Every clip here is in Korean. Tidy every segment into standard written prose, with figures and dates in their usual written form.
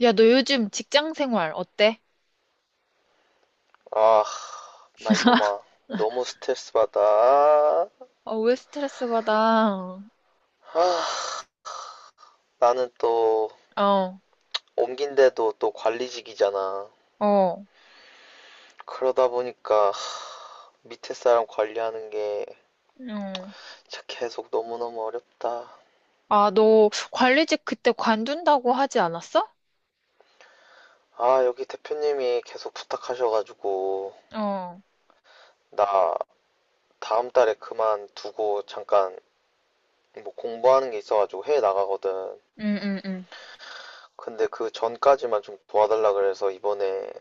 야, 너 요즘 직장 생활 어때? 아, 말도 마. 너무 스트레스 받아. 왜 스트레스 받아? 아, 나는 또 어, 옮긴데도 또 관리직이잖아. 어, 그러다 보니까 밑에 사람 관리하는 게 응. 진짜 계속 너무너무 어렵다. 아, 너 관리직 그때 관둔다고 하지 않았어? 아, 여기 대표님이 계속 부탁하셔가지고 어, 나 다음 달에 그만두고 잠깐 뭐 공부하는 게 있어가지고 해외 나가거든. 응, 응, 응. 근데 그 전까지만 좀 도와달라 그래서 이번에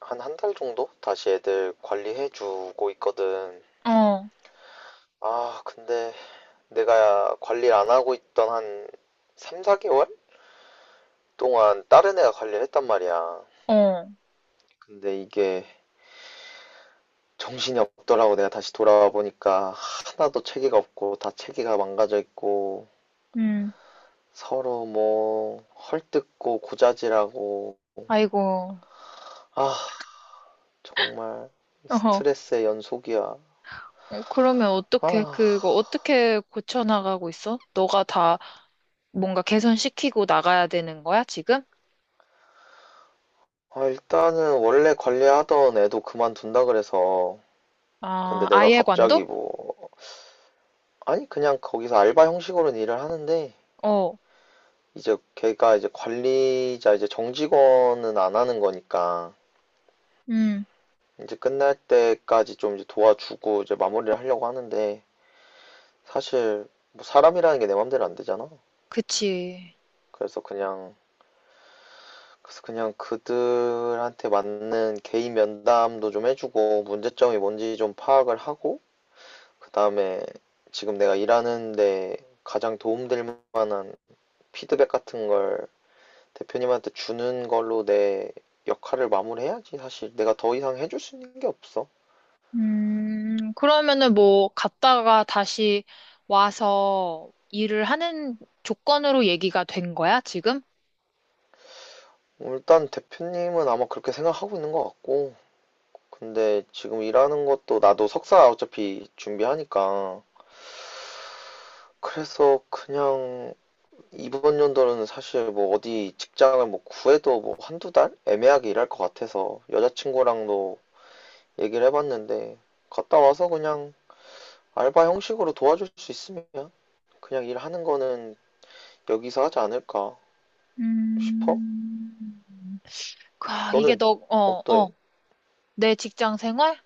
한 한 달 정도 다시 애들 관리해주고 있거든. 어, 아, 근데 내가 관리를 안 하고 있던 한 3, 4개월 동안 다른 애가 관리를 했단 말이야. 어, 근데 이게 정신이 없더라고. 내가 다시 돌아와 보니까 하나도 체계가 없고 다 체계가 망가져 있고 응. 서로 뭐 헐뜯고 고자질하고, 아이고, 아, 정말 어허. 스트레스의 연속이야. 그러면 어떻게, 아, 그거 어떻게 고쳐나가고 있어? 너가 다 뭔가 개선시키고 나가야 되는 거야, 지금? 아, 일단은 원래 관리하던 애도 그만둔다 그래서, 근데 아, 내가 아예 관둬? 갑자기 뭐, 아니 그냥 거기서 알바 형식으로는 일을 하는데 어, 이제 걔가 이제 관리자 이제 정직원은 안 하는 거니까 응, 이제 끝날 때까지 좀 이제 도와주고 이제 마무리를 하려고 하는데 사실 뭐 사람이라는 게 내 맘대로 안 되잖아. 그치. 그래서 그냥 그래서 그냥 그들한테 맞는 개인 면담도 좀 해주고 문제점이 뭔지 좀 파악을 하고 그다음에 지금 내가 일하는데 가장 도움될 만한 피드백 같은 걸 대표님한테 주는 걸로 내 역할을 마무리해야지. 사실 내가 더 이상 해줄 수 있는 게 없어. 그러면은 뭐 갔다가 다시 와서 일을 하는 조건으로 얘기가 된 거야, 지금? 일단 대표님은 아마 그렇게 생각하고 있는 것 같고, 근데 지금 일하는 것도 나도 석사 어차피 준비하니까, 그래서 그냥 이번 연도는 사실 뭐 어디 직장을 뭐 구해도 뭐 한두 달 애매하게 일할 것 같아서 여자친구랑도 얘기를 해봤는데, 갔다 와서 그냥 알바 형식으로 도와줄 수 있으면 그냥 일하는 거는 여기서 하지 않을까 싶어. 음, 아, 이게 너는 너, 어떠해? 내 직장 생활?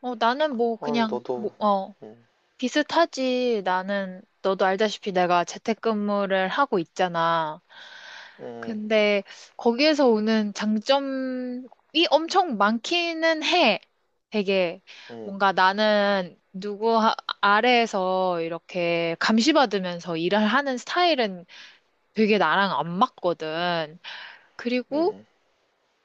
어, 나는 뭐 아, 그냥, 뭐, 너도, 어. 음, 비슷하지. 나는, 너도 알다시피 내가 재택근무를 하고 있잖아. 음, 근데 거기에서 오는 장점이 엄청 많기는 해. 되게 음, 뭔가 나는 아래에서 이렇게 감시받으면서 일을 하는 스타일은 되게 나랑 안 맞거든. 그리고 음,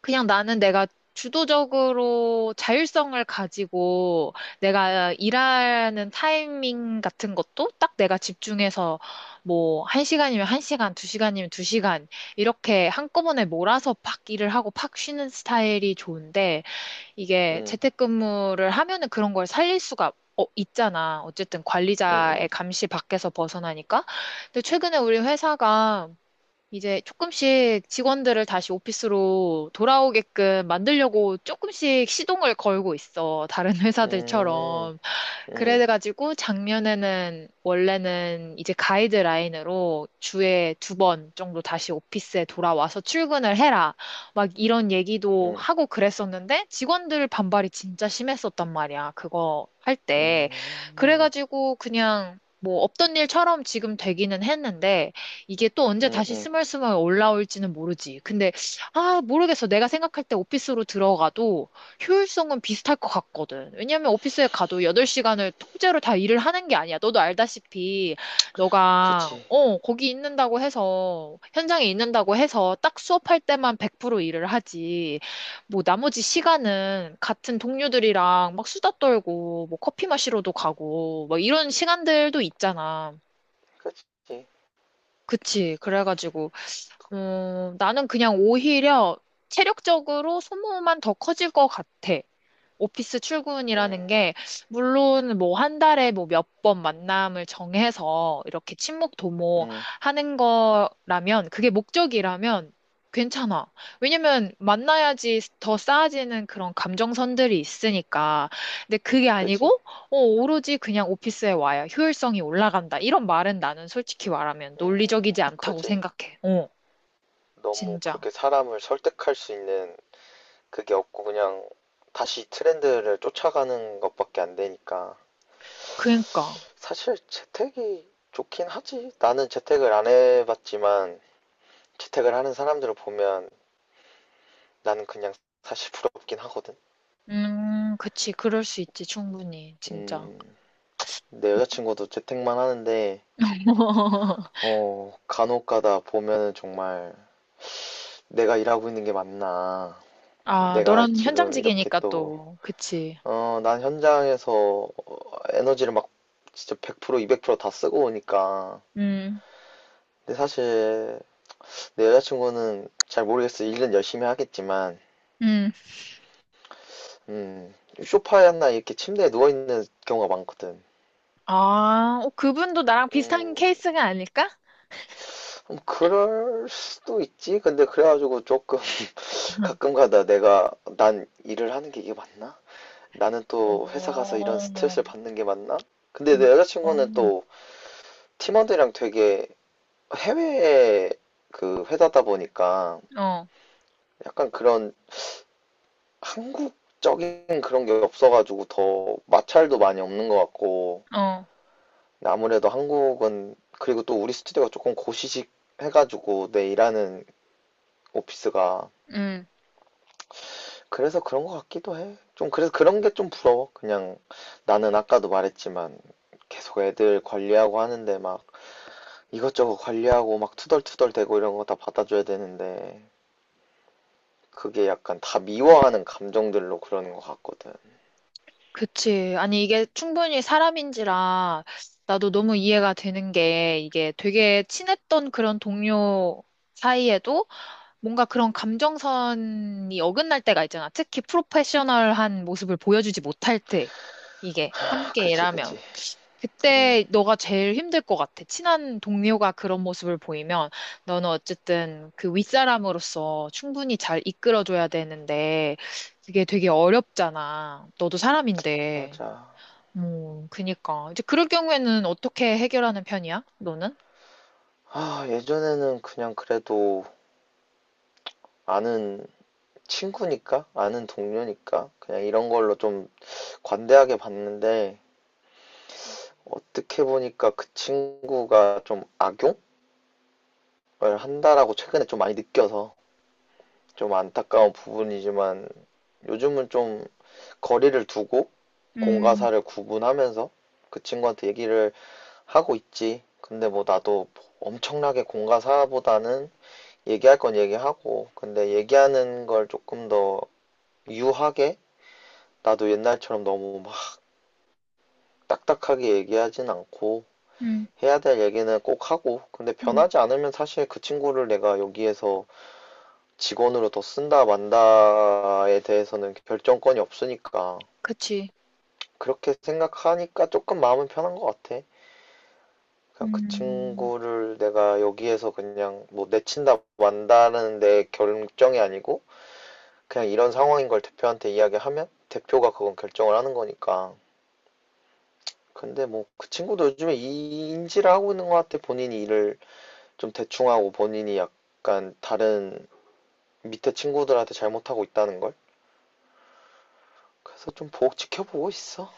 그냥 나는 내가 주도적으로 자율성을 가지고 내가 일하는 타이밍 같은 것도 딱 내가 집중해서 뭐 한시간이면한시간두시간이면두시간 이렇게 한꺼번에 몰아서 팍 일을 하고 팍 쉬는 스타일이 좋은데 이게 음, 재택근무를 하면은 그런 걸 살릴 수가 어, 있잖아. 어쨌든 음, 관리자의 음, 감시 밖에서 벗어나니까. 근데 최근에 우리 회사가 이제 조금씩 직원들을 다시 오피스로 돌아오게끔 만들려고 조금씩 시동을 걸고 있어. 다른 음, 회사들처럼. 음, 그래가지고 작년에는 원래는 이제 가이드라인으로 주에 두 번 정도 다시 오피스에 돌아와서 출근을 해라. 막 이런 얘기도 하고 그랬었는데 직원들 반발이 진짜 심했었단 말이야. 그거 할 음, 때. 음, 그래가지고 그냥 뭐 없던 일처럼 지금 되기는 했는데 이게 또 언제 음, 다시 음, 스멀스멀 올라올지는 모르지. 근데, 아, 모르겠어. 내가 생각할 때 오피스로 들어가도 효율성은 비슷할 것 같거든. 왜냐면 오피스에 가도 8시간을 통째로 다 일을 하는 게 아니야. 너도 알다시피, 너가, 그치, 어, 거기 있는다고 해서, 현장에 있는다고 해서 딱 수업할 때만 100% 일을 하지. 뭐, 나머지 시간은 같은 동료들이랑 막 수다 떨고, 뭐, 커피 마시러도 가고, 막 이런 시간들도 있잖아. 그치, 그치. 그래가지고, 나는 그냥 오히려 체력적으로 소모만 더 커질 것 같아. 오피스 출근이라는 음, 게, 물론 뭐 한 달에 뭐 몇 번 만남을 정해서 이렇게 친목 도모 음, 하는 거라면, 그게 목적이라면 괜찮아. 왜냐면 만나야지 더 쌓아지는 그런 감정선들이 있으니까. 근데 그게 아니고, 그치, 오로지 그냥 오피스에 와야 효율성이 올라간다. 이런 말은 나는 솔직히 말하면 논리적이지 않다고 그치. 생각해. 어. 너무 진짜. 그렇게 사람을 설득할 수 있는 그게 없고, 그냥 다시 트렌드를 쫓아가는 것밖에 안 되니까. 그니까. 사실 재택이 좋긴 하지. 나는 재택을 안 해봤지만 재택을 하는 사람들을 보면 나는 그냥, 사실 부럽긴 하거든. 그치. 그럴 수 있지. 충분히. 진짜. 음, 내 여자친구도 재택만 하는데, 어, 간혹가다 보면은 정말 내가 일하고 있는 게 맞나, 아, 내가 너랑 지금 이렇게 현장직이니까 또, 또. 그치. 어, 난 현장에서 에너지를 막 진짜 100%, 200%다 쓰고 오니까. 음, 근데 사실 내 여자친구는 잘 모르겠어. 일은 열심히 하겠지만, 음. 음, 소파에 나 이렇게 침대에 누워있는 경우가 많거든. 아, 그분도 나랑 비슷한 음, 케이스가 아닐까? 그럴 수도 있지. 근데 그래가지고 조금 응. 가끔가다 내가, 난 일을 하는 게 이게 맞나? 나는 또 회사 가서 이런 어, 스트레스를 받는 게 맞나? 근데 내 음. 여자친구는 또 팀원들이랑 되게 해외 그 회사다 보니까 어, 약간 그런 한국적인 그런 게 없어가지고 더 마찰도 많이 없는 것 같고, 어, 근데 아무래도 한국은, 그리고 또 우리 스튜디오가 조금 고시식 해가지고 내 일하는 오피스가 음. 그래서 그런 것 같기도 해. 좀 그래서 그런 게 좀 부러워. 그냥 나는 아까도 말했지만 계속 애들 관리하고 하는데 막 이것저것 관리하고 막 투덜투덜 대고 이런 거 다 받아줘야 되는데, 그게 약간 다 미워하는 감정들로 그러는 것 같거든. 그치. 아니, 이게 충분히 사람인지라 나도 너무 이해가 되는 게 이게 되게 친했던 그런 동료 사이에도 뭔가 그런 감정선이 어긋날 때가 있잖아. 특히 프로페셔널한 모습을 보여주지 못할 때, 이게 아, 함께 그치, 일하면. 그치. 응, 그때 너가 제일 힘들 것 같아. 친한 동료가 그런 모습을 보이면 너는 어쨌든 그 윗사람으로서 충분히 잘 이끌어줘야 되는데 그게 되게 어렵잖아. 너도 사람인데. 맞아. 그니까. 이제 그럴 경우에는 어떻게 해결하는 편이야? 너는? 아, 예전에는 그냥 그래도 아는 친구니까, 아는 동료니까 그냥 이런 걸로 좀 관대하게 봤는데, 어떻게 보니까 그 친구가 좀 악용? 한다라고 최근에 좀 많이 느껴서 좀 안타까운 부분이지만 요즘은 좀 거리를 두고 음, 공과사를 구분하면서 그 친구한테 얘기를 하고 있지. 근데 뭐 나도 엄청나게 공과사보다는 얘기할 건 얘기하고, 근데 얘기하는 걸 조금 더 유하게 나도 옛날처럼 너무 막 딱딱하게 얘기하진 않고 음, 해야 될 얘기는 꼭 하고, 근데 음, 변하지 않으면 사실 그 친구를 내가 여기에서 직원으로 더 쓴다 만다에 대해서는 결정권이 없으니까, 그치. 그렇게 생각하니까 조금 마음은 편한 것 같아. 그냥 그 음. 친구를 내가 여기에서 그냥 뭐 내친다 만다는 내 결정이 아니고 그냥 이런 상황인 걸 대표한테 이야기하면 대표가 그건 결정을 하는 거니까. 근데 뭐 그 친구도 요즘에 이 인지를 하고 있는 것 같아. 본인이 일을 좀 대충 하고 본인이 약간 다른 밑에 친구들한테 잘못하고 있다는 걸. 그래서 좀 보고 지켜보고 있어.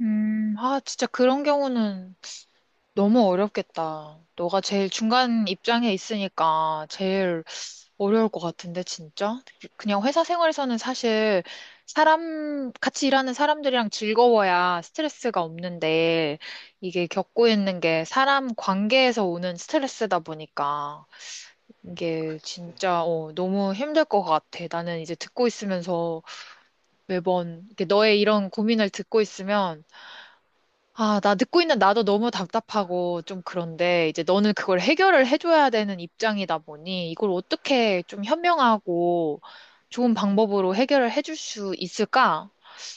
아, 진짜 그런 경우는 너무 어렵겠다. 너가 제일 중간 입장에 있으니까 제일 어려울 것 같은데, 진짜? 그냥 회사 생활에서는 사실 사람, 같이 일하는 사람들이랑 즐거워야 스트레스가 없는데, 이게 겪고 있는 게 사람 관계에서 오는 스트레스다 보니까, 이게 그치. 진짜, 어, 너무 힘들 것 같아. 나는 이제 듣고 있으면서 매번, 이렇게 너의 이런 고민을 듣고 있으면, 아, 나 듣고 있는 나도 너무 답답하고 좀 그런데 이제 너는 그걸 해결을 해줘야 되는 입장이다 보니 이걸 어떻게 좀 현명하고 좋은 방법으로 해결을 해줄 수 있을까?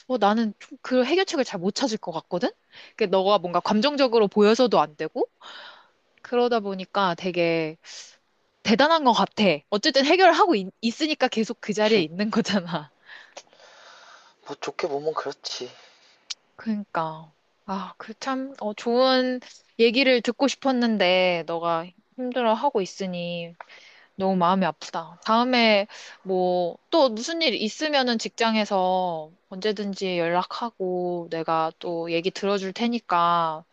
나는 좀 그 해결책을 잘 못 찾을 것 같거든? 그 너가 뭔가 감정적으로 보여서도 안 되고 그러다 보니까 되게 대단한 것 같아. 어쨌든 해결을 하고 있으니까 계속 그 자리에 있는 거잖아. 뭐 좋게 보면 그렇지. 그니까. 아, 그 참, 좋은 얘기를 듣고 싶었는데, 너가 힘들어하고 있으니 너무 마음이 아프다. 다음에 뭐, 또 무슨 일 있으면은 직장에서 언제든지 연락하고 내가 또 얘기 들어줄 테니까,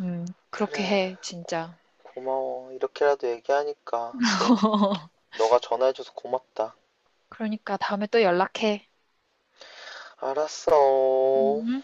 음, 그렇게 그래, 해, 진짜. 고마워. 이렇게라도 얘기하니까 좀, 너가 전화해줘서 고맙다. 그러니까 다음에 또 연락해. 알았어. 음.